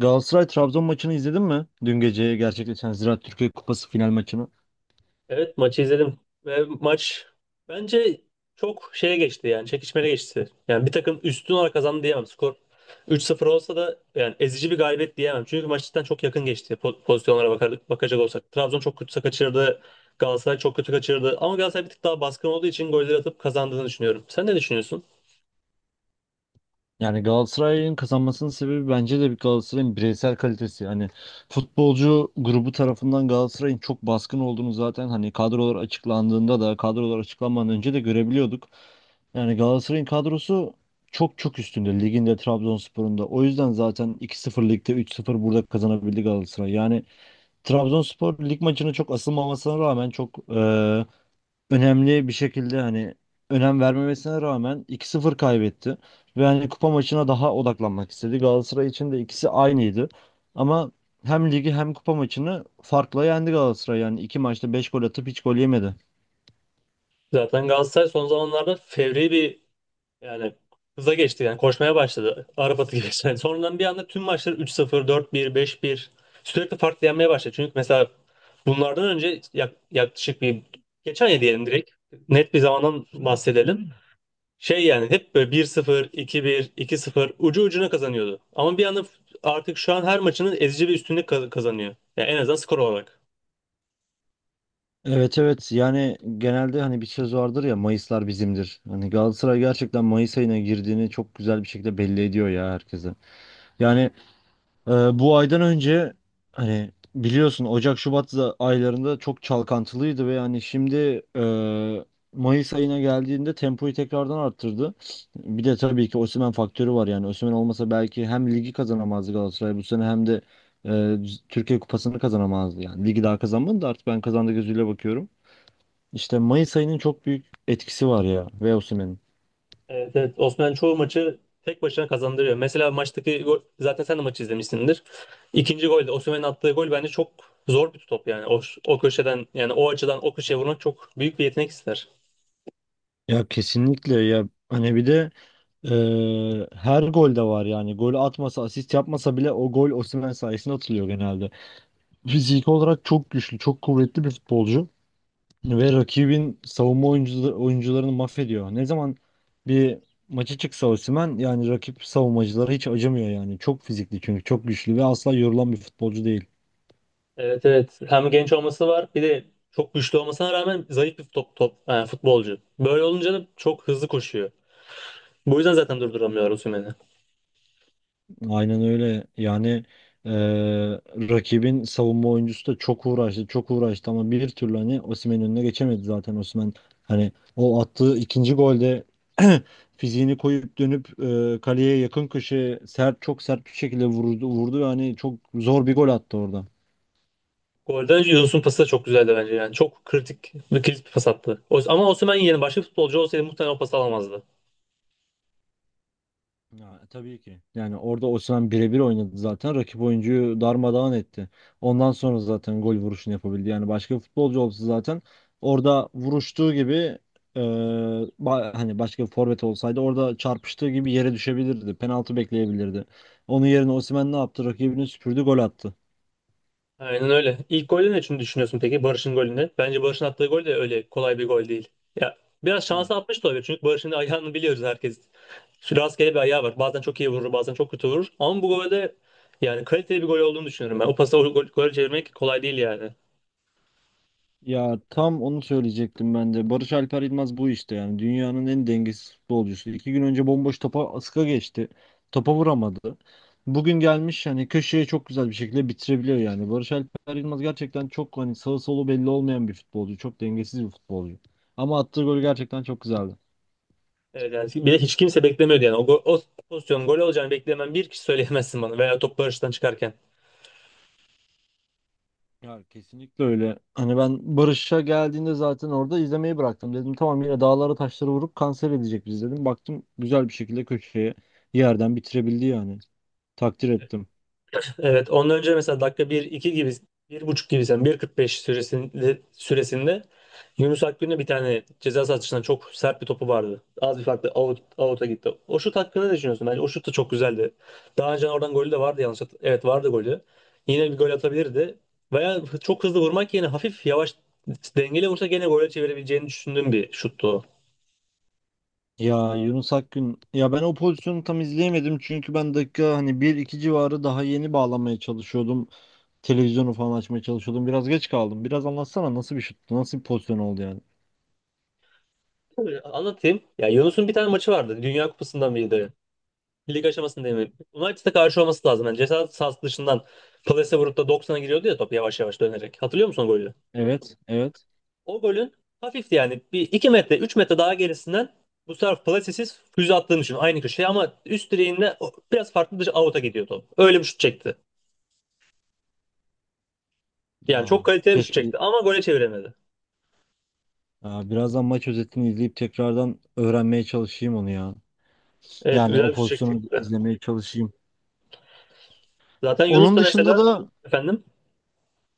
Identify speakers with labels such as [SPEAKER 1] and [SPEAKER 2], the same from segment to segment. [SPEAKER 1] Galatasaray Trabzon maçını izledin mi? Dün gece gerçekleşen Ziraat Türkiye Kupası final maçını.
[SPEAKER 2] Evet, maçı izledim ve maç bence çok şeye geçti, yani çekişmeli geçti. Yani bir takım üstün olarak kazandı diyemem. Skor 3-0 olsa da yani ezici bir galibiyet diyemem. Çünkü maç cidden çok yakın geçti pozisyonlara bakacak olsak. Trabzon çok kötü kaçırdı. Galatasaray çok kötü kaçırdı. Ama Galatasaray bir tık daha baskın olduğu için golleri atıp kazandığını düşünüyorum. Sen ne düşünüyorsun?
[SPEAKER 1] Yani Galatasaray'ın kazanmasının sebebi bence de bir Galatasaray'ın bireysel kalitesi. Hani futbolcu grubu tarafından Galatasaray'ın çok baskın olduğunu zaten hani kadrolar açıklandığında da kadrolar açıklanmadan önce de görebiliyorduk. Yani Galatasaray'ın kadrosu çok çok üstünde liginde Trabzonspor'un da. O yüzden zaten iki 0 ligde 3-0 burada kazanabildi Galatasaray. Yani Trabzonspor lig maçına çok asılmamasına rağmen çok önemli bir şekilde hani önem vermemesine rağmen 2-0 kaybetti. Ve hani kupa maçına daha odaklanmak istedi. Galatasaray için de ikisi aynıydı. Ama hem ligi hem kupa maçını farkla yendi Galatasaray. Yani iki maçta 5 gol atıp hiç gol yemedi.
[SPEAKER 2] Zaten Galatasaray son zamanlarda fevri bir, yani hıza geçti, yani koşmaya başladı. Arap atı gibi. Yani sonradan bir anda tüm maçları 3-0 4-1 5-1 sürekli farklı yenmeye başladı. Çünkü mesela bunlardan önce yaklaşık bir geçen ya, diyelim direkt net bir zamandan bahsedelim. Şey, yani hep böyle 1-0, 2-1, 2-0 ucu ucuna kazanıyordu. Ama bir anda artık şu an her maçının ezici bir üstünlük kazanıyor. Yani en azından skor olarak.
[SPEAKER 1] Evet, evet, yani genelde hani bir söz vardır ya, Mayıslar bizimdir. Hani Galatasaray gerçekten Mayıs ayına girdiğini çok güzel bir şekilde belli ediyor ya herkese. Yani Ee, bu aydan önce hani biliyorsun Ocak Şubat aylarında çok çalkantılıydı ve yani şimdi Mayıs ayına geldiğinde tempoyu tekrardan arttırdı. Bir de tabii ki Osimhen faktörü var, yani Osimhen olmasa belki hem ligi kazanamazdı Galatasaray bu sene, hem de e, Türkiye Kupası'nı kazanamazdı yani. Ligi daha kazanmadı da artık ben kazandı gözüyle bakıyorum. İşte Mayıs ayının çok büyük etkisi var ya, ve Osimhen'in.
[SPEAKER 2] Evet, evet. Osman çoğu maçı tek başına kazandırıyor. Mesela maçtaki gol, zaten sen de maçı izlemişsindir. İkinci golde Osimhen'in attığı gol bence çok zor bir top yani. O köşeden yani o açıdan o köşeye vurmak çok büyük bir yetenek ister.
[SPEAKER 1] Ya kesinlikle ya, hani bir de Ee, her golde var yani. Gol atmasa, asist yapmasa bile o gol Osimhen sayesinde atılıyor genelde. Fizik olarak çok güçlü, çok kuvvetli bir futbolcu ve rakibin savunma oyuncularını mahvediyor. Ne zaman bir maça çıksa Osimhen, yani rakip savunmacılara hiç acımıyor yani. Çok fizikli, çünkü çok güçlü ve asla yorulan bir futbolcu değil.
[SPEAKER 2] Evet, evet. Hem genç olması var, bir de çok güçlü olmasına rağmen zayıf bir top yani futbolcu. Böyle olunca da çok hızlı koşuyor. Bu yüzden zaten durduramıyorlar Osimhen'i.
[SPEAKER 1] Aynen öyle. Eee, rakibin savunma oyuncusu da çok uğraştı, çok uğraştı ama bir türlü hani Osimhen'in önüne geçemedi zaten Osimhen. Hani o attığı ikinci golde fiziğini koyup dönüp kaleye yakın köşeye sert, çok sert bir şekilde vurdu, vurdu ve hani çok zor bir gol attı orada.
[SPEAKER 2] Golde Yunus'un pası da çok güzeldi bence yani. Çok kritik bir kilit bir pas attı. O- ama Osimhen yerine başka bir futbolcu olsaydı muhtemelen o pası alamazdı.
[SPEAKER 1] Ya, tabii ki. Yani orada Osimhen birebir oynadı zaten. Rakip oyuncuyu darmadağın etti. Ondan sonra zaten gol vuruşunu yapabildi. Yani başka bir futbolcu olsa zaten orada vuruştuğu gibi, e, hani başka bir forvet olsaydı orada çarpıştığı gibi yere düşebilirdi. Penaltı bekleyebilirdi. Onun yerine Osimhen ne yaptı? Rakibini süpürdü, gol attı.
[SPEAKER 2] Aynen öyle. İlk golde ne için düşünüyorsun peki Barış'ın golünde? Bence Barış'ın attığı gol de öyle kolay bir gol değil. Ya biraz şansa atmış da olabilir çünkü Barış'ın ayağını biliyoruz herkes. Şu rastgele bir ayağı var. Bazen çok iyi vurur, bazen çok kötü vurur. Ama bu golde yani kaliteli bir gol olduğunu düşünüyorum ben. O pası o gol, gole çevirmek kolay değil yani.
[SPEAKER 1] Ya tam onu söyleyecektim ben de. Barış Alper Yılmaz bu işte yani. Dünyanın en dengesiz futbolcusu. İki gün önce bomboş topa ıska geçti. Topa vuramadı. Bugün gelmiş, hani köşeye çok güzel bir şekilde bitirebiliyor yani. Barış Alper Yılmaz gerçekten çok hani sağı solu belli olmayan bir futbolcu. Çok dengesiz bir futbolcu. Ama attığı gol gerçekten çok güzeldi.
[SPEAKER 2] Evet, yani bir de hiç kimse beklemiyordu yani. O, o pozisyonun gol olacağını beklemen bir kişi söyleyemezsin bana veya top Barış'tan çıkarken.
[SPEAKER 1] Ya kesinlikle öyle. Hani ben Barış'a geldiğinde zaten orada izlemeyi bıraktım. Dedim, tamam, yine dağlara taşlara vurup kanser edecek biz, dedim. Baktım, güzel bir şekilde köşeye yerden bitirebildi yani. Takdir ettim.
[SPEAKER 2] Evet, ondan önce mesela dakika 1-2 gibi, 1.5 gibi sen bir 45 süresinde Yunus Akgün'e bir tane ceza sahasından çok sert bir topu vardı. Az bir farkla out'a gitti. O şut hakkında ne düşünüyorsun? Bence o şut da çok güzeldi. Daha önce oradan golü de vardı yanlış. Evet, vardı golü. Yine bir gol atabilirdi. Veya çok hızlı vurmak yerine hafif yavaş dengeli vursa gene gole çevirebileceğini düşündüğüm bir şuttu o.
[SPEAKER 1] Ya Yunus Akgün, ya ben o pozisyonu tam izleyemedim çünkü ben dakika hani bir iki civarı daha yeni bağlamaya çalışıyordum. Televizyonu falan açmaya çalışıyordum. Biraz geç kaldım. Biraz anlatsana, nasıl bir şuttu? Nasıl bir pozisyon oldu yani?
[SPEAKER 2] Tabii, anlatayım. Ya, Yunus'un bir tane maçı vardı. Dünya Kupası'ndan biriydi. Lig aşamasında değil mi? United'a karşı olması lazım. Yani ceza sahası dışından plase vurup da 90'a giriyordu ya, top yavaş yavaş dönerek. Hatırlıyor musun o golü?
[SPEAKER 1] Evet, evet.
[SPEAKER 2] O golün hafifti yani. 1-2 metre 3 metre daha gerisinden bu sefer plasesiz füze attığını düşün. Aynı köşeye ama üst direğinde o- biraz farklı bir out'a gidiyor top. Öyle bir şut çekti. Yani çok
[SPEAKER 1] Aa,
[SPEAKER 2] kaliteli bir şut
[SPEAKER 1] keşke,
[SPEAKER 2] çekti ama gole çeviremedi.
[SPEAKER 1] Birazdan maç özetini izleyip tekrardan öğrenmeye çalışayım onu ya.
[SPEAKER 2] Evet,
[SPEAKER 1] Yani
[SPEAKER 2] güzel
[SPEAKER 1] o
[SPEAKER 2] bir şut
[SPEAKER 1] pozisyonu
[SPEAKER 2] çekti.
[SPEAKER 1] izlemeye çalışayım.
[SPEAKER 2] Zaten Yunus
[SPEAKER 1] Onun
[SPEAKER 2] da
[SPEAKER 1] dışında
[SPEAKER 2] mesela
[SPEAKER 1] da
[SPEAKER 2] efendim.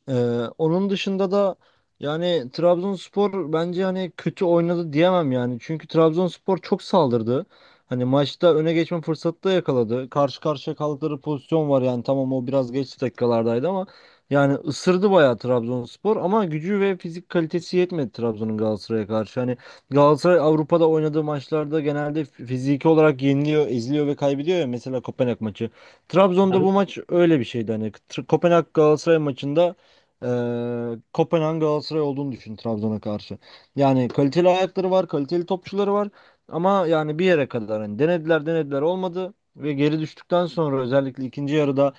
[SPEAKER 1] Ee, onun dışında da yani Trabzonspor bence hani kötü oynadı diyemem yani. Çünkü Trabzonspor çok saldırdı. Hani maçta öne geçme fırsatı da yakaladı. Karşı karşıya kaldıkları pozisyon var yani. Tamam, o biraz geç dakikalardaydı ama yani ısırdı bayağı Trabzonspor, ama gücü ve fizik kalitesi yetmedi Trabzon'un Galatasaray'a karşı. Hani Galatasaray Avrupa'da oynadığı maçlarda genelde fiziki olarak yeniliyor, eziliyor ve kaybediyor ya. Mesela Kopenhag maçı. Trabzon'da
[SPEAKER 2] Efendim?
[SPEAKER 1] bu maç öyle bir şeydi. Hani Kopenhag Galatasaray maçında, Kopenhag Galatasaray olduğunu düşün Trabzon'a karşı. Yani kaliteli ayakları var, kaliteli topçuları var, ama yani bir yere kadar hani denediler denediler, olmadı, ve geri düştükten sonra özellikle ikinci yarıda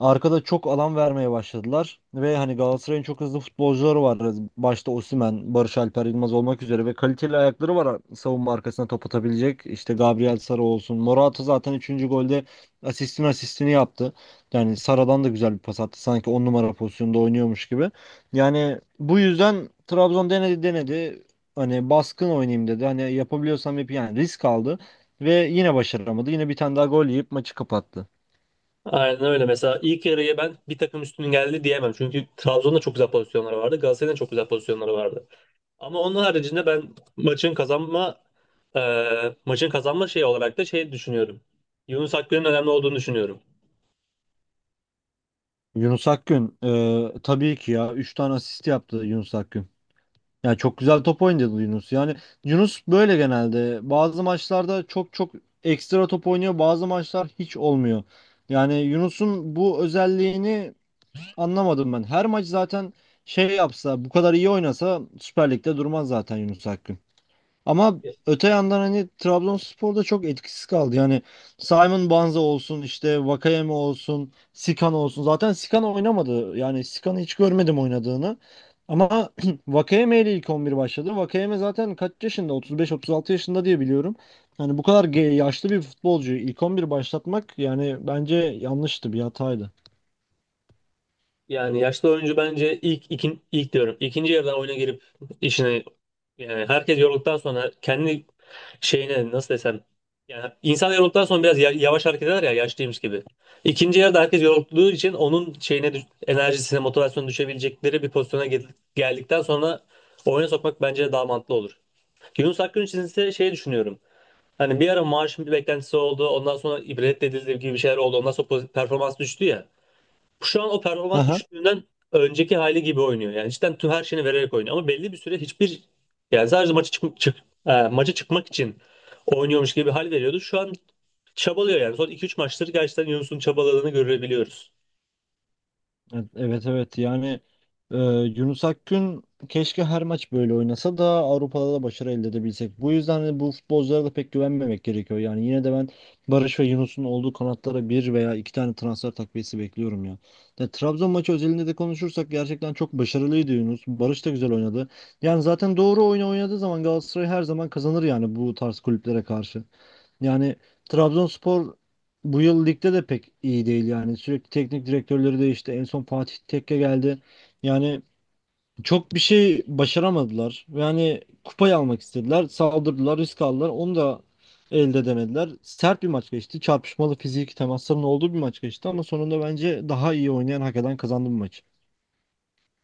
[SPEAKER 1] arkada çok alan vermeye başladılar ve hani Galatasaray'ın çok hızlı futbolcuları var. Başta Osimhen, Barış Alper Yılmaz olmak üzere, ve kaliteli ayakları var savunma arkasına top atabilecek. İşte Gabriel Sara olsun. Morata zaten üçüncü golde asistin asistini yaptı. Yani Sara'dan da güzel bir pas attı, sanki 10 numara pozisyonda oynuyormuş gibi. Yani bu yüzden Trabzon denedi denedi. Hani baskın oynayayım dedi. Hani yapabiliyorsam yapayım. Yani risk aldı ve yine başaramadı. Yine bir tane daha gol yiyip maçı kapattı.
[SPEAKER 2] Aynen öyle. Mesela ilk yarıya ben bir takım üstünün geldi diyemem. Çünkü Trabzon'da çok güzel pozisyonları vardı. Galatasaray'da çok güzel pozisyonları vardı. Ama onun haricinde ben maçın kazanma, e, maçın kazanma şeyi olarak da şey düşünüyorum. Yunus Akgün'ün önemli olduğunu düşünüyorum.
[SPEAKER 1] Yunus Akgün, tabii ki, ya 3 tane asist yaptı Yunus Akgün. Yani çok güzel top oynadı Yunus. Yani Yunus böyle genelde. Bazı maçlarda çok çok ekstra top oynuyor, bazı maçlar hiç olmuyor. Yani Yunus'un bu özelliğini anlamadım ben. Her maç zaten şey yapsa, bu kadar iyi oynasa, Süper Lig'de durmaz zaten Yunus Akgün. Ama öte yandan hani Trabzonspor da çok etkisiz kaldı. Yani Simon Banza olsun, işte Vakayeme olsun, Sikan olsun. Zaten Sikan oynamadı. Yani Sikan'ı hiç görmedim oynadığını. Ama Vakayeme ile ilk 11 başladı. Vakayeme zaten kaç yaşında? 35-36 yaşında diye biliyorum. Yani bu kadar yaşlı bir futbolcuyu ilk 11 başlatmak, yani bence yanlıştı, bir hataydı.
[SPEAKER 2] Yani yaşlı oyuncu bence ilk ilk diyorum. İkinci yarıda oyuna girip işine, yani herkes yorulduktan sonra kendi şeyine nasıl desem, yani insan yorulduktan sonra biraz yavaş hareket eder ya, yaşlıymış gibi. İkinci yarıda herkes yorulduğu için onun şeyine enerjisine motivasyonu düşebilecekleri bir pozisyona geldikten sonra oyuna sokmak bence daha mantıklı olur. Yunus Akgün için ise şey düşünüyorum. Hani bir ara maaşın bir beklentisi oldu. Ondan sonra ibret edildi gibi bir şeyler oldu. Ondan sonra performans düştü ya. Şu an o performans düşüklüğünden önceki hali gibi oynuyor. Yani cidden tüm her şeyini vererek oynuyor. Ama belli bir süre hiçbir, yani sadece maça maça çıkmak için oynuyormuş gibi bir hal veriyordu. Şu an çabalıyor yani. Son 2-3 maçtır gerçekten Yunus'un çabaladığını görebiliyoruz.
[SPEAKER 1] Evet, evet, evet. Yani e, Yunus Akgün keşke her maç böyle oynasa da Avrupa'da da başarı elde edebilsek. Bu yüzden de bu futbolculara da pek güvenmemek gerekiyor. Yani yine de ben Barış ve Yunus'un olduğu kanatlara bir veya iki tane transfer takviyesi bekliyorum ya. Trabzon maçı özelinde de konuşursak gerçekten çok başarılıydı Yunus. Barış da güzel oynadı. Yani zaten doğru oyunu oynadığı zaman Galatasaray her zaman kazanır yani, bu tarz kulüplere karşı. Yani Trabzonspor bu yıl ligde de pek iyi değil yani. Sürekli teknik direktörleri değişti. En son Fatih Tekke geldi. Yani çok bir şey başaramadılar. Yani kupayı almak istediler. Saldırdılar, risk aldılar. Onu da elde edemediler. Sert bir maç geçti. Çarpışmalı, fiziki temasların olduğu bir maç geçti, ama sonunda bence daha iyi oynayan, hak eden kazandı bu maçı.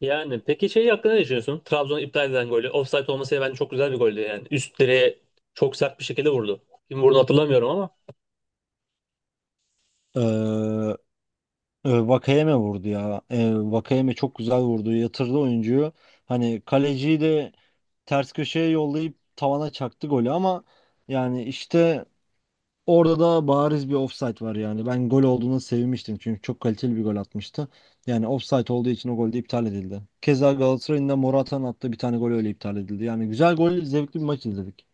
[SPEAKER 2] Yani peki şey hakkında ne düşünüyorsun? Trabzon'un iptal eden golü. Offside olmasıyla bence çok güzel bir goldü yani. Üst direğe çok sert bir şekilde vurdu. Kim vurdu hatırlamıyorum ama
[SPEAKER 1] Ee, Vakayeme vurdu ya. Vakayeme çok güzel vurdu. Yatırdı oyuncuyu. Hani kaleciyi de ters köşeye yollayıp tavana çaktı golü, ama yani işte orada da bariz bir offside var yani. Ben gol olduğuna sevinmiştim çünkü çok kaliteli bir gol atmıştı. Yani offside olduğu için o gol de iptal edildi. Keza Galatasaray'ın da, Morata'nın attığı bir tane gol öyle iptal edildi. Yani güzel gol, zevkli bir maç izledik.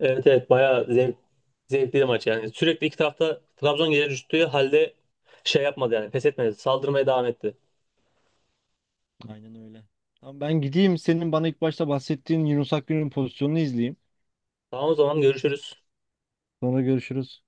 [SPEAKER 2] evet, evet, bayağı zevkli bir maç yani. Sürekli iki tarafta Trabzon geri düştüğü halde şey yapmadı yani, pes etmedi. Saldırmaya devam etti.
[SPEAKER 1] Aynen öyle. Tamam, ben gideyim, senin bana ilk başta bahsettiğin Yunus Akgün'ün pozisyonunu izleyeyim.
[SPEAKER 2] Tamam, o zaman görüşürüz.
[SPEAKER 1] Sonra görüşürüz.